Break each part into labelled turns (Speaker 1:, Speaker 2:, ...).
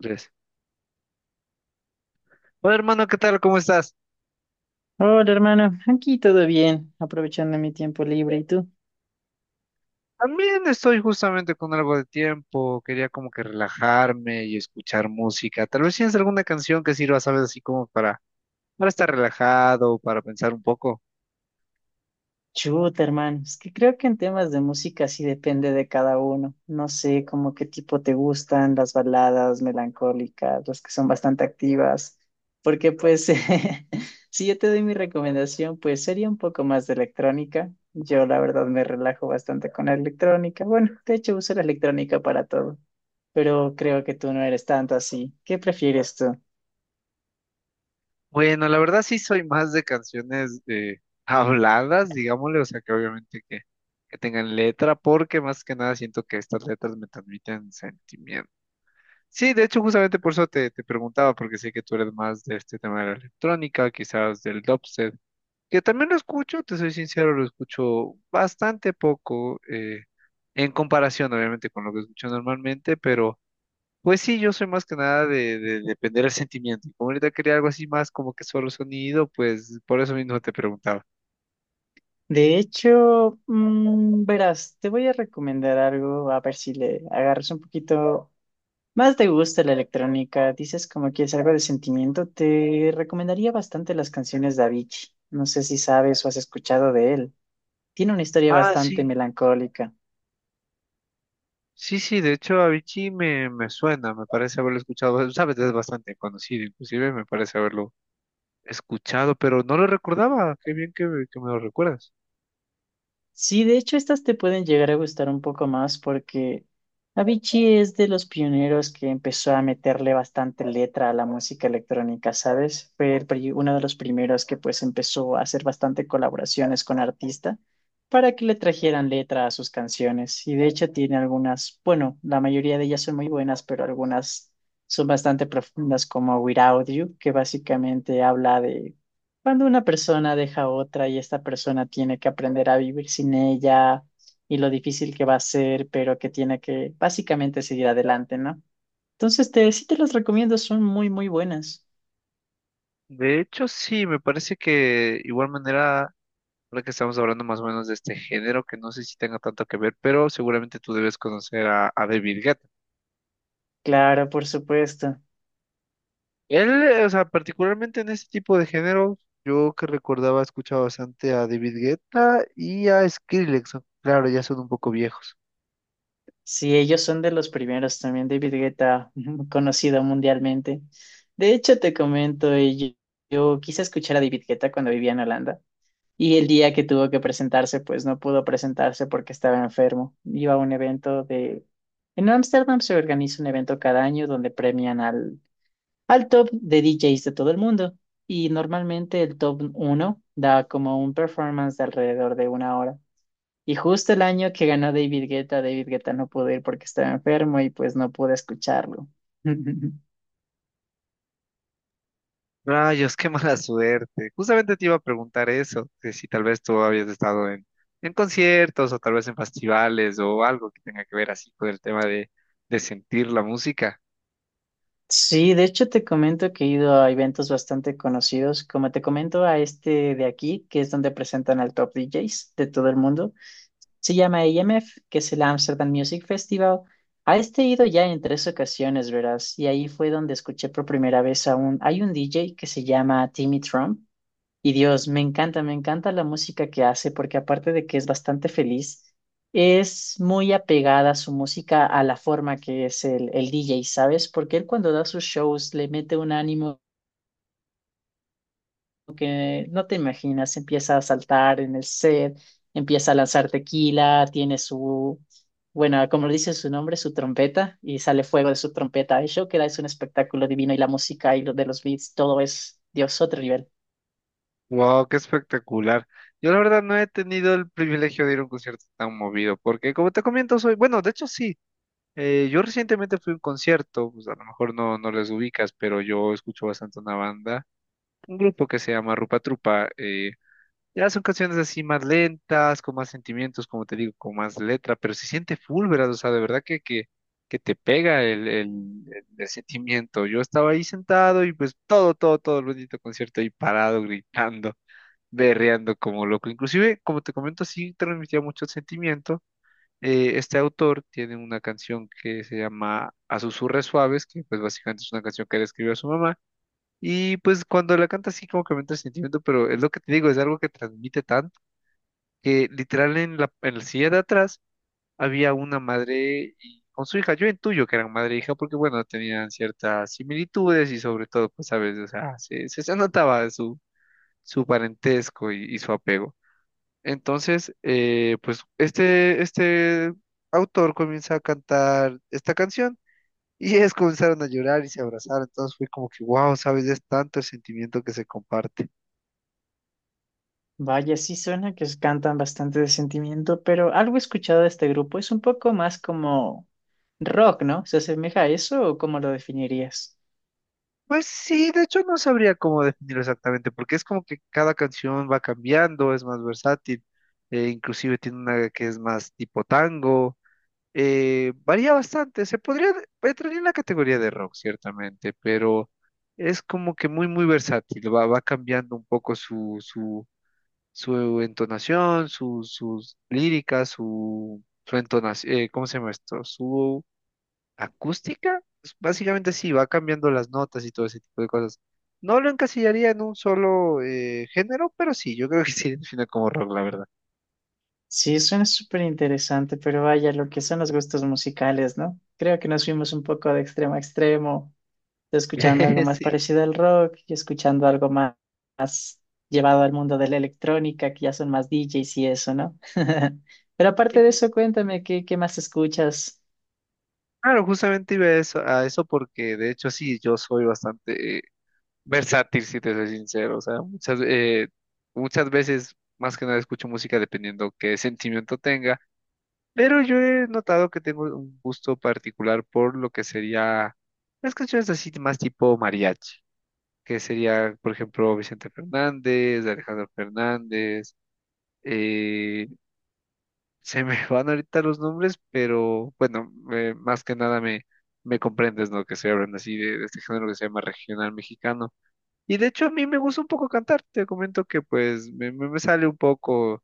Speaker 1: Tres. Hola hermano, ¿qué tal? ¿Cómo estás?
Speaker 2: Hola, hermano. Aquí todo bien, aprovechando mi tiempo libre. ¿Y tú?
Speaker 1: También estoy justamente con algo de tiempo, quería como que relajarme y escuchar música. Tal vez tienes alguna canción que sirva, sabes, así como para, estar relajado, para pensar un poco.
Speaker 2: Chuta, hermano. Es que creo que en temas de música sí depende de cada uno. No sé, como qué tipo te gustan, las baladas melancólicas, las que son bastante activas. Porque pues, si yo te doy mi recomendación, pues sería un poco más de electrónica. Yo la verdad me relajo bastante con la electrónica. Bueno, de hecho uso la electrónica para todo, pero creo que tú no eres tanto así. ¿Qué prefieres tú?
Speaker 1: Bueno, la verdad sí soy más de canciones habladas, digámosle, o sea que obviamente que, tengan letra, porque más que nada siento que estas letras me transmiten sentimiento. Sí, de hecho justamente por eso te preguntaba, porque sé que tú eres más de este tema de la electrónica, quizás del dubstep, que también lo escucho, te soy sincero, lo escucho bastante poco, en comparación obviamente con lo que escucho normalmente, pero pues sí, yo soy más que nada de, depender del sentimiento. Y como ahorita quería algo así más como que solo sonido, pues por eso mismo te preguntaba.
Speaker 2: De hecho, verás, te voy a recomendar algo, a ver si le agarras un poquito más de gusto a la electrónica. Dices como que es algo de sentimiento, te recomendaría bastante las canciones de Avicii. No sé si sabes o has escuchado de él. Tiene una historia
Speaker 1: Ah,
Speaker 2: bastante
Speaker 1: sí,
Speaker 2: melancólica.
Speaker 1: sí, sí, de hecho Avicii me suena, me parece haberlo escuchado, sabes, es bastante conocido, inclusive me parece haberlo escuchado, pero no lo recordaba, qué bien que, que me lo recuerdas.
Speaker 2: Sí, de hecho, estas te pueden llegar a gustar un poco más porque Avicii es de los pioneros que empezó a meterle bastante letra a la música electrónica, ¿sabes? Uno de los primeros que pues empezó a hacer bastante colaboraciones con artistas para que le trajeran letra a sus canciones. Y de hecho tiene algunas, bueno, la mayoría de ellas son muy buenas, pero algunas son bastante profundas como Without You, que básicamente habla de cuando una persona deja a otra y esta persona tiene que aprender a vivir sin ella y lo difícil que va a ser, pero que tiene que básicamente seguir adelante, ¿no? Entonces, sí te los recomiendo, son muy, muy buenas.
Speaker 1: De hecho, sí, me parece que igual manera. Ahora que estamos hablando más o menos de este género, que no sé si tenga tanto que ver, pero seguramente tú debes conocer a, David Guetta.
Speaker 2: Claro, por supuesto.
Speaker 1: Él, o sea, particularmente en este tipo de género, yo que recordaba, escuchaba bastante a David Guetta y a Skrillex, ¿no? Claro, ya son un poco viejos.
Speaker 2: Sí, ellos son de los primeros también, David Guetta, conocido mundialmente. De hecho, te comento, yo quise escuchar a David Guetta cuando vivía en Holanda. Y el día que tuvo que presentarse, pues no pudo presentarse porque estaba enfermo. Iba a un evento de... En Ámsterdam se organiza un evento cada año donde premian al top de DJs de todo el mundo. Y normalmente el top uno da como un performance de alrededor de una hora. Y justo el año que ganó David Guetta, David Guetta no pudo ir porque estaba enfermo y pues no pude escucharlo.
Speaker 1: Rayos, qué mala suerte. Justamente te iba a preguntar eso, que si tal vez tú habías estado en, conciertos o tal vez en festivales o algo que tenga que ver así con el tema de sentir la música.
Speaker 2: Sí, de hecho te comento que he ido a eventos bastante conocidos, como te comento a este de aquí, que es donde presentan al top DJs de todo el mundo. Se llama AMF, que es el Amsterdam Music Festival. A este he ido ya en tres ocasiones, verás, y ahí fue donde escuché por primera vez a un, hay un DJ que se llama Timmy Trump, y Dios, me encanta la música que hace, porque aparte de que es bastante feliz, es muy apegada su música a la forma que es el DJ, ¿sabes? Porque él cuando da sus shows le mete un ánimo que no te imaginas, empieza a saltar en el set, empieza a lanzar tequila, tiene su, bueno, como lo dice su nombre, su trompeta, y sale fuego de su trompeta. El show que da es un espectáculo divino y la música y lo de los beats, todo es, Dios, otro nivel.
Speaker 1: Wow, qué espectacular. Yo la verdad no he tenido el privilegio de ir a un concierto tan movido, porque como te comento, soy, bueno, de hecho sí, yo recientemente fui a un concierto, pues a lo mejor no les ubicas, pero yo escucho bastante una banda, un grupo que se llama Rupa Trupa, ya son canciones así más lentas, con más sentimientos, como te digo, con más letra, pero se siente full, ¿verdad? O sea, de verdad que te pega el sentimiento. Yo estaba ahí sentado y pues todo, todo, todo el bonito concierto ahí parado, gritando berreando como loco. Inclusive, como te comento, sí transmitía mucho sentimiento. Este autor tiene una canción que se llama A susurres suaves, que pues básicamente es una canción que le escribió a su mamá. Y pues cuando la canta sí como que me entra el sentimiento, pero es lo que te digo, es algo que transmite tanto que literal en la, silla de atrás había una madre con su hija. Yo intuyo que eran madre e hija porque bueno, tenían ciertas similitudes y sobre todo, pues sabes, o sea, se notaba su parentesco y su apego. Entonces, pues este autor comienza a cantar esta canción y ellos comenzaron a llorar y se abrazaron. Entonces fue como que, wow, ¿sabes? Es tanto el sentimiento que se comparte.
Speaker 2: Vaya, sí suena que es- cantan bastante de sentimiento, pero algo he escuchado de este grupo es un poco más como rock, ¿no? ¿Se asemeja a eso o cómo lo definirías?
Speaker 1: Pues sí, de hecho no sabría cómo definirlo exactamente, porque es como que cada canción va cambiando, es más versátil, inclusive tiene una que es más tipo tango, varía bastante. Se podría, entraría en la categoría de rock, ciertamente, pero es como que muy, muy versátil. va, cambiando un poco su entonación, sus líricas, su entonación, ¿cómo se llama esto? Su acústica. Pues básicamente sí, va cambiando las notas y todo ese tipo de cosas. No lo encasillaría en un solo género, pero sí, yo creo que sí define como rock, la verdad.
Speaker 2: Sí, suena súper interesante, pero vaya, lo que son los gustos musicales, ¿no? Creo que nos fuimos un poco de extremo a extremo, escuchando algo más parecido al rock y escuchando algo más, más llevado al mundo de la electrónica, que ya son más DJs y eso, ¿no? Pero aparte de
Speaker 1: Sí.
Speaker 2: eso, cuéntame, qué más escuchas?
Speaker 1: Claro, justamente iba a eso porque de hecho sí, yo soy bastante versátil, si te soy sincero. O sea, muchas veces más que nada escucho música dependiendo qué sentimiento tenga, pero yo he notado que tengo un gusto particular por lo que sería las canciones así más tipo mariachi, que sería, por ejemplo, Vicente Fernández, Alejandro Fernández, eh, se me van ahorita los nombres, pero bueno, más que nada me, comprendes, ¿no? Que se hablan así de este género que se llama regional mexicano. Y de hecho a mí me gusta un poco cantar, te comento que pues me, sale un poco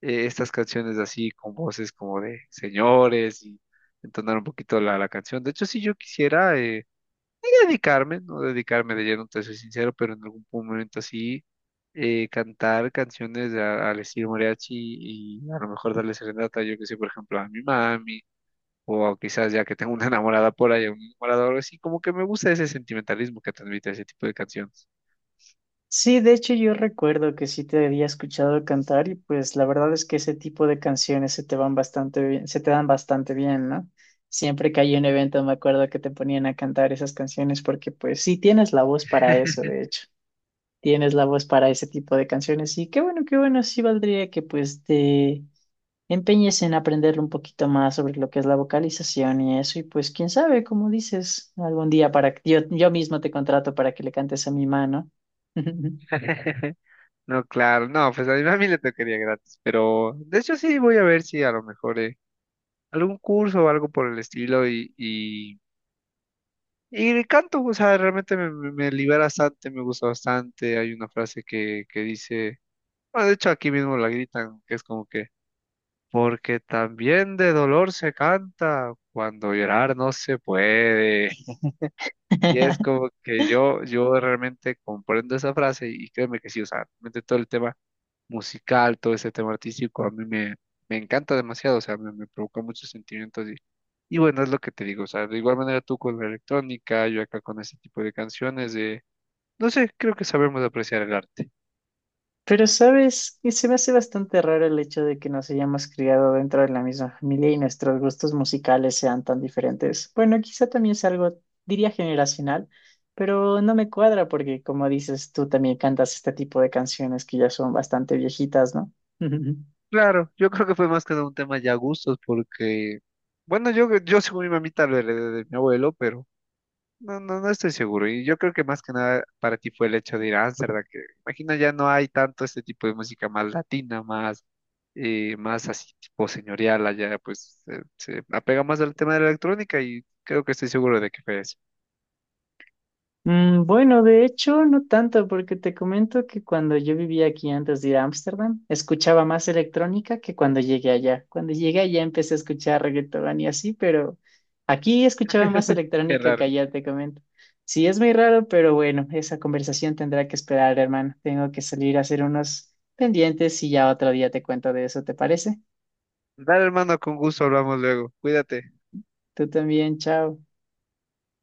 Speaker 1: estas canciones así con voces como de señores y entonar un poquito la, canción. De hecho, si yo quisiera... dedicarme, no dedicarme de lleno, te soy sincero, pero en algún momento así cantar canciones al estilo mariachi y a lo mejor darle serenata, yo que sé, por ejemplo, a mi mami, o quizás ya que tengo una enamorada por ahí, un enamorado, o algo así, como que me gusta ese sentimentalismo que transmite ese tipo de canciones.
Speaker 2: Sí, de hecho yo recuerdo que sí te había escuchado cantar y pues la verdad es que ese tipo de canciones se te van bastante bien, se te dan bastante bien, ¿no? Siempre que hay un evento me acuerdo que te ponían a cantar esas canciones porque pues sí tienes la voz para eso, de hecho. Tienes la voz para ese tipo de canciones y qué bueno, sí valdría que pues te empeñes en aprender un poquito más sobre lo que es la vocalización y eso y pues quién sabe, como dices, algún día para que yo mismo te contrato para que le cantes a mi mano.
Speaker 1: No, claro, no, pues a mi mami le tocaría gratis, pero de hecho sí voy a ver si a lo mejor algún curso o algo por el estilo y canto, o sea, realmente me libera bastante, me gusta bastante. Hay una frase que dice, bueno, de hecho aquí mismo la gritan, que es como que, porque también de dolor se canta cuando llorar no se puede. Y es como que yo, realmente comprendo esa frase y créeme que sí, o sea, realmente todo el tema musical, todo ese tema artístico, a mí me, me, encanta demasiado, o sea, me provoca muchos sentimientos y bueno, es lo que te digo, o sea, de igual manera tú con la electrónica, yo acá con ese tipo de canciones de no sé, creo que sabemos apreciar el arte.
Speaker 2: Pero sabes, y se me hace bastante raro el hecho de que nos hayamos criado dentro de la misma familia y nuestros gustos musicales sean tan diferentes. Bueno, quizá también es algo, diría generacional, pero no me cuadra porque, como dices, tú también cantas este tipo de canciones que ya son bastante viejitas, ¿no?
Speaker 1: Claro, yo creo que fue más que nada un tema ya gustos, porque, bueno, yo según mi mamita lo heredé de mi abuelo, pero no, no, no estoy seguro. Y yo creo que más que nada para ti fue el hecho de ir a Ámsterdam, que imagina ya no hay tanto este tipo de música más latina, más así tipo señorial allá, pues se apega más al tema de la electrónica y creo que estoy seguro de que fue eso.
Speaker 2: Mm, bueno, de hecho, no tanto, porque te comento que cuando yo vivía aquí antes de ir a Ámsterdam, escuchaba más electrónica que cuando llegué allá. Cuando llegué allá empecé a escuchar reggaetón y así, pero aquí escuchaba más
Speaker 1: Qué
Speaker 2: electrónica
Speaker 1: raro.
Speaker 2: que allá, te comento. Sí, es muy raro, pero bueno, esa conversación tendrá que esperar, hermano. Tengo que salir a hacer unos pendientes y ya otro día te cuento de eso, ¿te parece?
Speaker 1: Dale, hermano, con gusto hablamos luego. Cuídate.
Speaker 2: Tú también, chao.